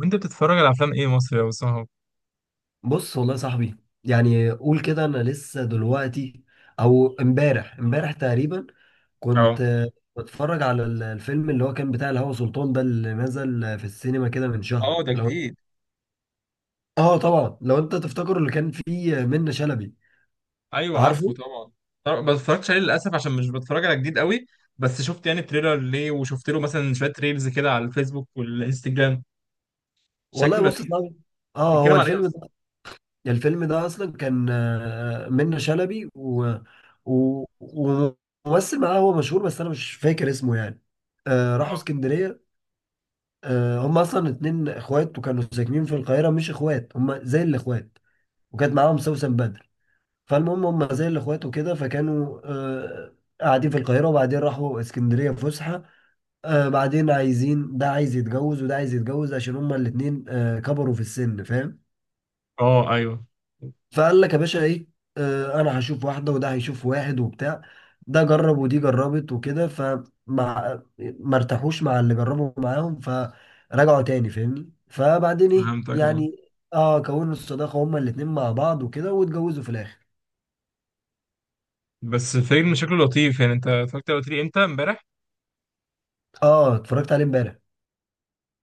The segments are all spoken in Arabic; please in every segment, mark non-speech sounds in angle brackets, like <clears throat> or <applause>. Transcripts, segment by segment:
وانت بتتفرج على افلام ايه مصري يا اسامه؟ بص والله يا صاحبي، يعني قول كده انا لسه دلوقتي او امبارح تقريبا. كنت اه، بتفرج على الفيلم اللي هو كان بتاع الهوى سلطان ده اللي نزل في السينما كده من اه، شهر. ده لو جديد؟ اه طبعا، لو انت تفتكر، اللي كان فيه منة شلبي. ايوه، عارفه. عارفه طبعا. طبعا ما اتفرجتش عليه للاسف عشان مش بتفرج على جديد قوي. بس شفت يعني تريلر ليه، وشفت له مثلا شويه ريلز كده على الفيسبوك والانستجرام. والله شكله بص يا لذيذ. صاحبي، اه هو بيتكلم على ايه الفيلم اصلا؟ ده، الفيلم ده اصلا كان منة شلبي وممثل معاه هو مشهور بس انا مش فاكر اسمه يعني. راحوا اه، اسكندرية. هم اصلا اتنين اخوات وكانوا ساكنين في القاهره، مش اخوات هم زي الاخوات، وكانت معاهم سوسن بدر. فالمهم هم زي الاخوات وكده، فكانوا قاعدين في القاهره وبعدين راحوا اسكندريه فسحه. بعدين عايزين، ده عايز يتجوز وده عايز يتجوز، عشان هم الاتنين كبروا في السن، فاهم؟ اه، ايوه، فقال لك يا باشا ايه، انا هشوف واحده وده هيشوف واحد وبتاع. ده جرب ودي جربت وكده، فمع ما ارتاحوش مع اللي جربوا معاهم فرجعوا تاني، فاهمني؟ فبعدين ايه فهمتك. اه، يعني، اه كونوا الصداقه هما الاتنين مع بعض وكده، واتجوزوا في الاخر. بس الفيلم شكله لطيف. يعني انت اتفرجت على قلت لي امتى؟ امبارح؟ اه اتفرجت عليه امبارح.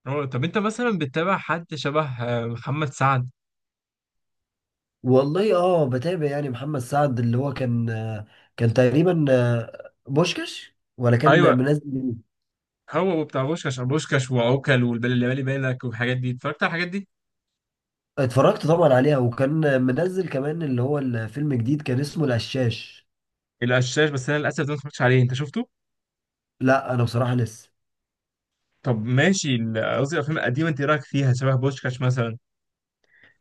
اه، طب انت مثلا بتتابع حد شبه محمد سعد؟ والله اه، بتابع يعني محمد سعد اللي هو كان كان تقريبا بوشكش ولا كان ايوه، منزل. هو بتاع بوشكاش بوشكاش وعوكل واللي بالي بالك والحاجات دي. اتفرجت على الحاجات دي؟ اتفرجت طبعا عليها، وكان منزل كمان اللي هو الفيلم جديد كان اسمه القشاش. القشاش؟ بس انا للاسف ده ما اتفرجتش عليه. انت شفته؟ لا انا بصراحه لسه. طب ماشي، قصدي الافلام القديمه، انت إيه رايك فيها؟ شبه بوشكاش مثلا؟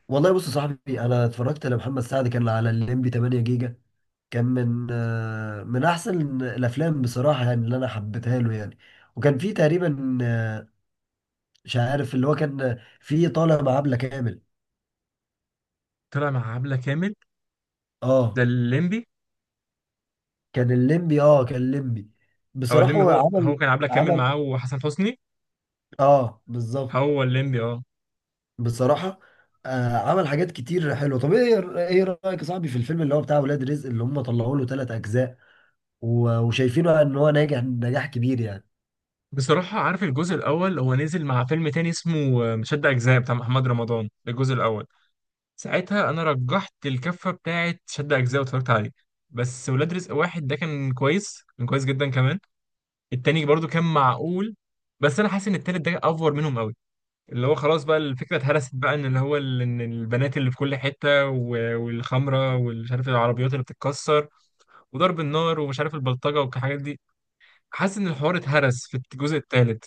والله بص يا صاحبي، انا اتفرجت لمحمد سعد كان على الليمبي 8 جيجا. كان من من احسن الافلام بصراحه يعني، اللي انا حبيتها له يعني. وكان في تقريبا مش عارف، اللي هو كان في طالع مع عبله كامل. طلع مع عبله كامل؟ ده اه الليمبي. كان الليمبي. او بصراحه الليمبي، هو هو عمل. هو كان عبله كامل عمل معاه وحسن حسني. اه بالظبط. هو الليمبي، اه. بصراحة عمل حاجات كتير حلوة. طب ايه رأيك يا صاحبي في الفيلم اللي هو بتاع ولاد رزق، اللي هم طلعوا له ثلاث أجزاء وشايفينه ان هو ناجح نجاح كبير يعني؟ بصراحه، عارف الجزء الاول هو نزل مع فيلم تاني اسمه شد اجزاء بتاع محمد رمضان. ده الجزء الاول. ساعتها انا رجحت الكفه بتاعه شد اجزاء واتفرجت عليه. بس ولاد رزق واحد ده كان كويس، كان كويس جدا كمان. التاني برضو كان معقول. بس انا حاسس ان التالت ده افور منهم قوي. اللي هو خلاص بقى، الفكرة اتهرست بقى، ان اللي هو ان البنات اللي في كل حتة، والخمرة، والمش عارف العربيات اللي بتتكسر، وضرب النار، ومش عارف البلطجة والحاجات دي. حاسس ان الحوار اتهرس في الجزء الثالث.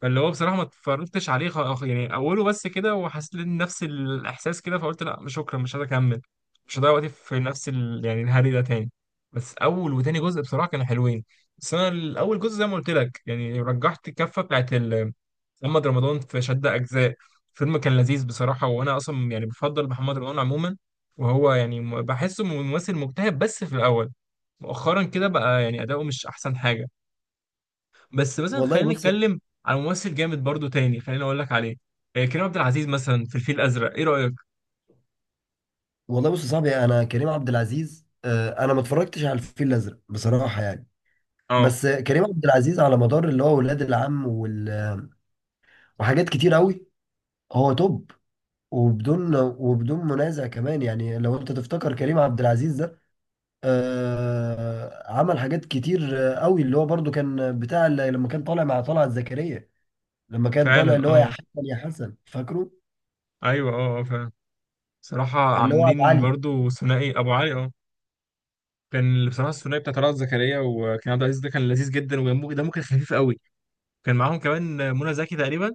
فاللي هو بصراحة ما اتفرجتش عليه، يعني أوله بس كده، وحسيت إن نفس الإحساس كده، فقلت لا، مش شكرا، مش عايز أكمل. مش هضيع وقتي في نفس يعني الهري ده تاني. بس أول وتاني جزء بصراحة كانوا حلوين. بس أنا الأول جزء زي ما قلت لك، يعني رجحت الكفة بتاعت محمد رمضان في شد أجزاء. فيلم كان لذيذ بصراحة، وأنا أصلا يعني بفضل محمد رمضان عموما. وهو يعني بحسه ممثل مجتهد بس في الأول. مؤخرا كده بقى يعني أداؤه مش أحسن حاجة. بس مثلا والله خلينا بص نتكلم عن ممثل جامد برضو تاني. خليني اقول لك عليه. كريم عبد العزيز مثلا، في الفيل الازرق، ايه رايك؟ والله بص يا صاحبي، انا كريم عبد العزيز انا ما اتفرجتش على الفيل الأزرق بصراحة يعني. اه، بس كريم عبد العزيز على مدار اللي هو ولاد العم وحاجات كتير قوي، هو توب وبدون منازع كمان يعني. لو انت تفتكر كريم عبد العزيز عمل حاجات كتير قوي، اللي هو برضو كان بتاع اللي لما كان طالع مع طلعت زكريا، لما كان فعلا. طالع اللي هو يا اه، حسن يا حسن، فاكره؟ ايوه، اه، اه، فعلا. صراحه اللي هو ابو عاملين علي. برضو ثنائي ابو علي، اه. كان بصراحه الثنائي بتاع طلعت زكريا وكريم عبد العزيز ده كان لذيذ جدا، ودمه دمه كان خفيف قوي. كان معاهم كمان منى زكي تقريبا.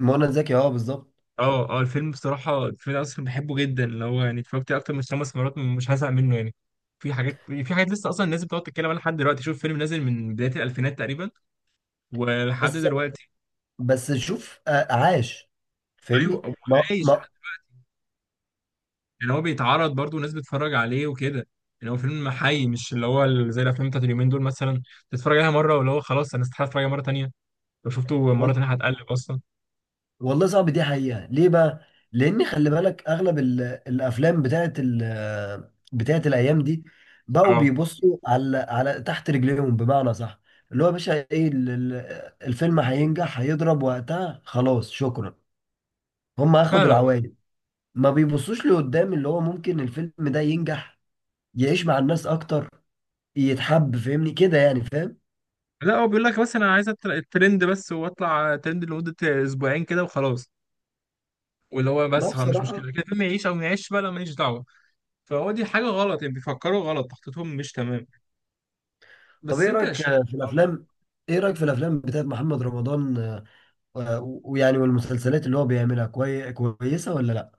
منى زكي، اه بالظبط. اه، اه، الفيلم بصراحه، الفيلم ده اصلا بحبه جدا. اللي هو يعني اتفرجت عليه اكتر من 5 مرات، مش هزهق منه يعني. في حاجات لسه اصلا الناس بتقعد تتكلم عنها لحد دلوقتي. شوف فيلم نازل من بدايه الالفينات تقريبا ولحد بس دلوقتي. بس شوف عاش، فاهمني ايوه، هو عايش. ما. يعني هو بيتعرض برضه وناس بتتفرج عليه وكده. يعني هو فيلم حي، مش اللي هو زي الافلام بتاعت اليومين دول مثلا، تتفرج عليها مره واللي هو خلاص، انا استحاله اتفرج عليها مره تانيه. لو شفته مره تانيه هتقلب اصلا. والله صعب، دي حقيقة، ليه بقى؟ لأن خلي بالك أغلب الأفلام بتاعت الأيام دي بقوا اه، بيبصوا على تحت رجليهم بمعنى صح. اللي هو يا باشا إيه، الفيلم هينجح، هيضرب وقتها، خلاص شكرا، هم أخدوا فعلا. العوائد. ما بيبصوش لقدام اللي هو ممكن الفيلم ده ينجح، يعيش مع الناس أكتر، يتحب، فاهمني كده يعني، فاهم؟ لا هو بيقول لك بس انا عايز الترند بس، واطلع ترند لمده اسبوعين كده وخلاص. واللي هو ما بس خلاص، مش بصراحة، مشكله كده، الفيلم يعيش او ما يعيش بقى، لا ماليش دعوه. فهو دي حاجه غلط. يعني بيفكروا غلط، تخطيطهم مش تمام. طب بس إيه انت رأيك في الأفلام، بتاعت محمد رمضان ويعني والمسلسلات اللي هو بيعملها كويسة ولا لا؟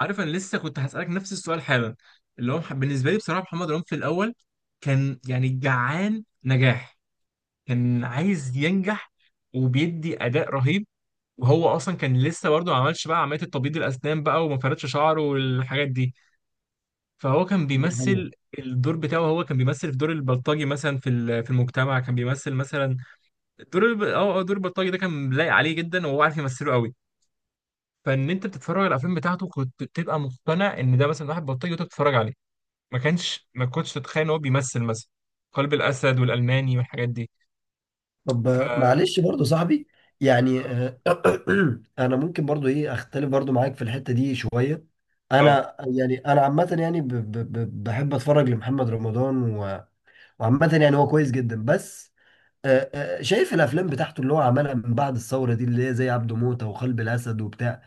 عارف انا لسه كنت هسألك نفس السؤال حالا. اللي هو بالنسبة لي بصراحة، محمد رمضان في الأول كان يعني جعان نجاح. كان عايز ينجح، وبيدي أداء رهيب. وهو أصلا كان لسه برضه ما عملش بقى عملية التبييض الأسنان بقى، وما فردش شعره والحاجات دي. فهو كان دي حقيقة. بيمثل الدور بتاعه. هو كان بيمثل في دور البلطجي مثلا، في في المجتمع كان بيمثل مثلا دور الب... اه آه، دور البلطجي ده كان لايق عليه جدا، وهو عارف يمثله قوي. فان انت بتتفرج على الافلام بتاعته كنت بتبقى مقتنع ان ده مثلا واحد بلطجي وانت بتتفرج عليه. ما كنتش تتخيل ان هو بيمثل مثلا قلب الاسد والالماني والحاجات دي. طب ف معلش برضو صاحبي، يعني <clears throat> انا ممكن برضو ايه اختلف برضو معاك في الحتة دي شوية. اه انا يعني، انا عامة يعني بحب اتفرج لمحمد رمضان وعامة يعني هو كويس جدا. بس شايف الافلام بتاعته اللي هو عملها من بعد الثورة دي، اللي هي زي عبده موتة وقلب الاسد وبتاع،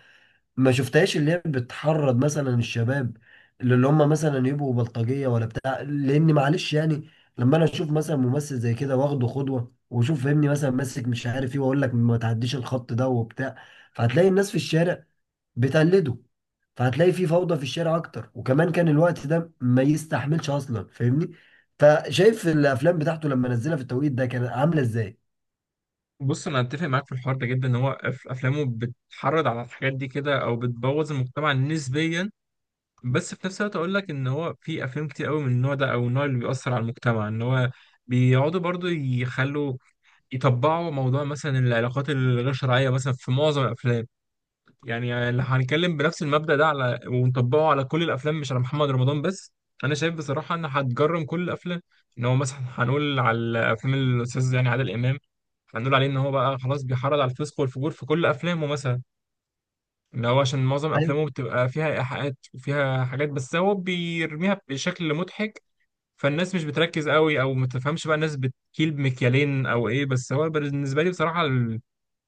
ما شفتهاش، اللي هي بتحرض مثلا الشباب اللي هم مثلا يبقوا بلطجيه ولا بتاع، لان معلش يعني. لما انا اشوف مثلا ممثل زي كده واخده قدوه واشوف فهمني مثلا ماسك مش عارف ايه، واقول لك ما تعديش الخط ده وبتاع، فهتلاقي الناس في الشارع بتقلده، فهتلاقي في فوضى في الشارع اكتر، وكمان كان الوقت ده ما يستحملش اصلا، فاهمني؟ فشايف الافلام بتاعته لما نزلها في التوقيت ده كانت عامله ازاي. بص انا اتفق معاك في الحوار ده جدا، ان هو افلامه بتحرض على الحاجات دي كده، او بتبوظ المجتمع نسبيا. بس في نفس الوقت اقول لك ان هو في افلام كتير قوي من النوع ده، او النوع اللي بيأثر على المجتمع. ان هو بيقعدوا برضو يخلوا يطبعوا موضوع مثلا العلاقات الغير شرعيه مثلا في معظم الافلام. يعني اللي هنتكلم بنفس المبدأ ده على ونطبقه على كل الافلام، مش على محمد رمضان بس. انا شايف بصراحة ان هتجرم كل الافلام. ان هو مثلا هنقول على افلام الاستاذ يعني عادل امام، هنقول عليه ان هو بقى خلاص بيحرض على الفسق والفجور في كل افلامه مثلا، ان هو عشان معظم افلامه بتبقى فيها ايحاءات وفيها حاجات، بس هو بيرميها بشكل مضحك. فالناس مش بتركز قوي، او ما تفهمش بقى. الناس بتكيل بمكيالين او ايه. بس هو بالنسبه لي بصراحه،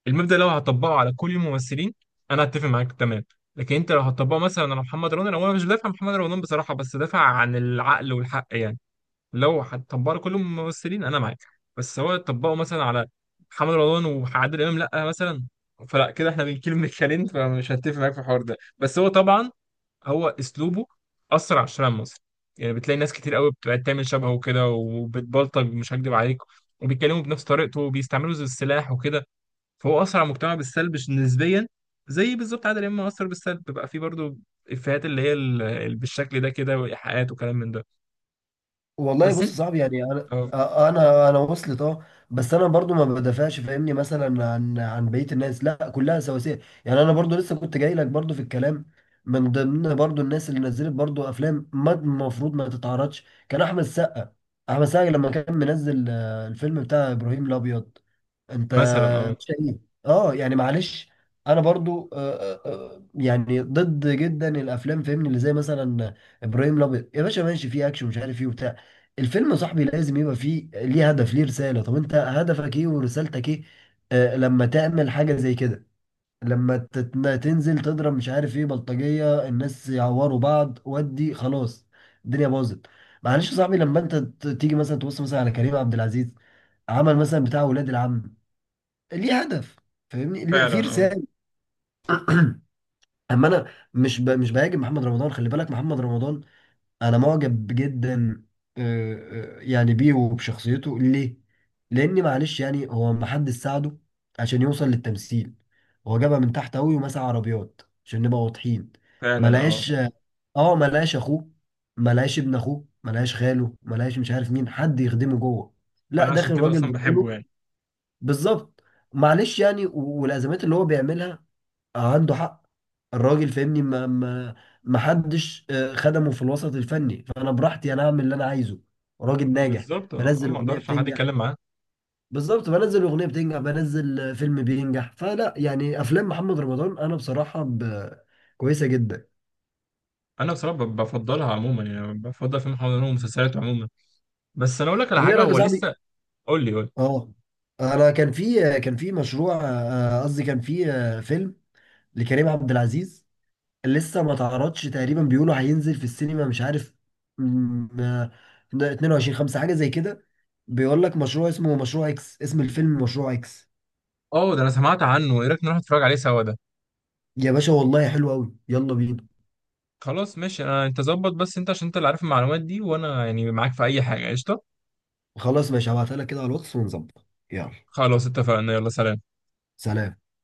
المبدأ لو هتطبقه على كل الممثلين، انا هتفق معاك تمام. لكن انت لو هتطبقه مثلا على محمد رمضان، هو انا مش بدافع عن محمد رمضان بصراحة، بس دافع عن العقل والحق يعني. لو هتطبقه على كل الممثلين انا معاك. بس هو تطبقه مثلا على محمد رمضان وعادل امام، لا مثلا. فلا كده احنا بنكيل من الكلام، فمش هتفق معاك في الحوار ده. بس هو طبعا هو اسلوبه اثر على الشارع المصري. يعني بتلاقي ناس كتير قوي بتبقى تعمل شبهه وكده وبتبلطج، مش هكدب عليك. وبيتكلموا بنفس طريقته، وبيستعملوا زي السلاح وكده. فهو اثر على المجتمع بالسلب نسبيا. زي بالظبط عادل امام اثر بالسلب. بيبقى فيه برضو افيهات اللي هي بالشكل ده كده، وايحاءات وكلام من ده. والله بس بص، انت، صعب يعني. انا اه، انا وصلت، اه. بس انا برضو ما بدافعش فاهمني مثلا عن بقيه الناس، لا كلها سواسيه يعني. انا برضو لسه كنت جاي لك برضو في الكلام، من ضمن برضو الناس اللي نزلت برضو افلام ما المفروض ما تتعرضش كان احمد السقا. احمد السقا لما كان منزل الفيلم بتاع ابراهيم الابيض. انت مثلا، اه، مش شقيق، اه يعني معلش. انا برضو يعني ضد جدا الافلام فاهمني اللي زي مثلا ابراهيم الابيض. يا باشا ماشي فيه اكشن مش عارف ايه وبتاع، الفيلم يا صاحبي لازم يبقى فيه ليه هدف، ليه رساله. طب انت هدفك ايه ورسالتك ايه لما تعمل حاجه زي كده؟ لما تنزل تضرب مش عارف ايه بلطجيه، الناس يعوروا بعض، ودي خلاص الدنيا باظت. معلش يا صاحبي، لما انت تيجي مثلا تبص مثلا على كريم عبد العزيز، عمل مثلا بتاع ولاد العم، ليه هدف، فاهمني فعلا. في اه، رسالة. <clears throat> اما انا، مش بهاجم محمد رمضان، خلي بالك. محمد رمضان انا معجب جدا آه، يعني بيه وبشخصيته، ليه؟ لان معلش يعني هو محدش ساعده عشان يوصل للتمثيل، هو جابها من تحت قوي ومسح عربيات عشان نبقى واضحين. ما فعلا. اه، لقاش، اخوه، ما لقاش ابن اخوه، ما لقاش خاله، ما لقاش مش عارف مين، حد يخدمه جوه، لا فانا عشان داخل كده راجل اصلا بحبه بطوله. يعني. بالظبط، معلش يعني، والازمات اللي هو بيعملها عنده حق الراجل، فاهمني، ما حدش خدمه في الوسط الفني، فانا براحتي انا اعمل اللي انا عايزه. راجل ناجح، بالظبط، اه، بنزل ما اغنيه اقدرش حد بتنجح، يتكلم معاه. بالظبط، بنزل اغنيه بتنجح، بنزل فيلم بينجح، فلا يعني افلام محمد رمضان انا بصراحه كويسه جدا. انا بصراحه بفضلها عموما، يعني بفضل فيلم حضانه ومسلسلات عموما. بس انا اقول لك على طب ايه حاجه، رايك يا هو صاحبي، لسه. قول لي، قول لي. اه انا كان في مشروع قصدي كان في فيلم لكريم عبد العزيز. لسه ما تعرضش تقريبا، بيقولوا هينزل في السينما مش عارف، م- آه، 22/5 حاجة زي كده. بيقول لك مشروع، اسمه مشروع اكس، اسم الفيلم مشروع اكس. اه، ده انا سمعت عنه. ايه رايك نروح نتفرج عليه سوا ده؟ يا باشا والله حلو قوي، يلا بينا. خلاص ماشي. انا انت ظبط، بس انت عشان انت اللي عارف المعلومات دي، وانا يعني معاك في اي حاجه، قشطه. خلاص ماشي، هبعتها لك كده على الواتس ونظبط، يلا خلاص اتفقنا، يلا سلام. سلام.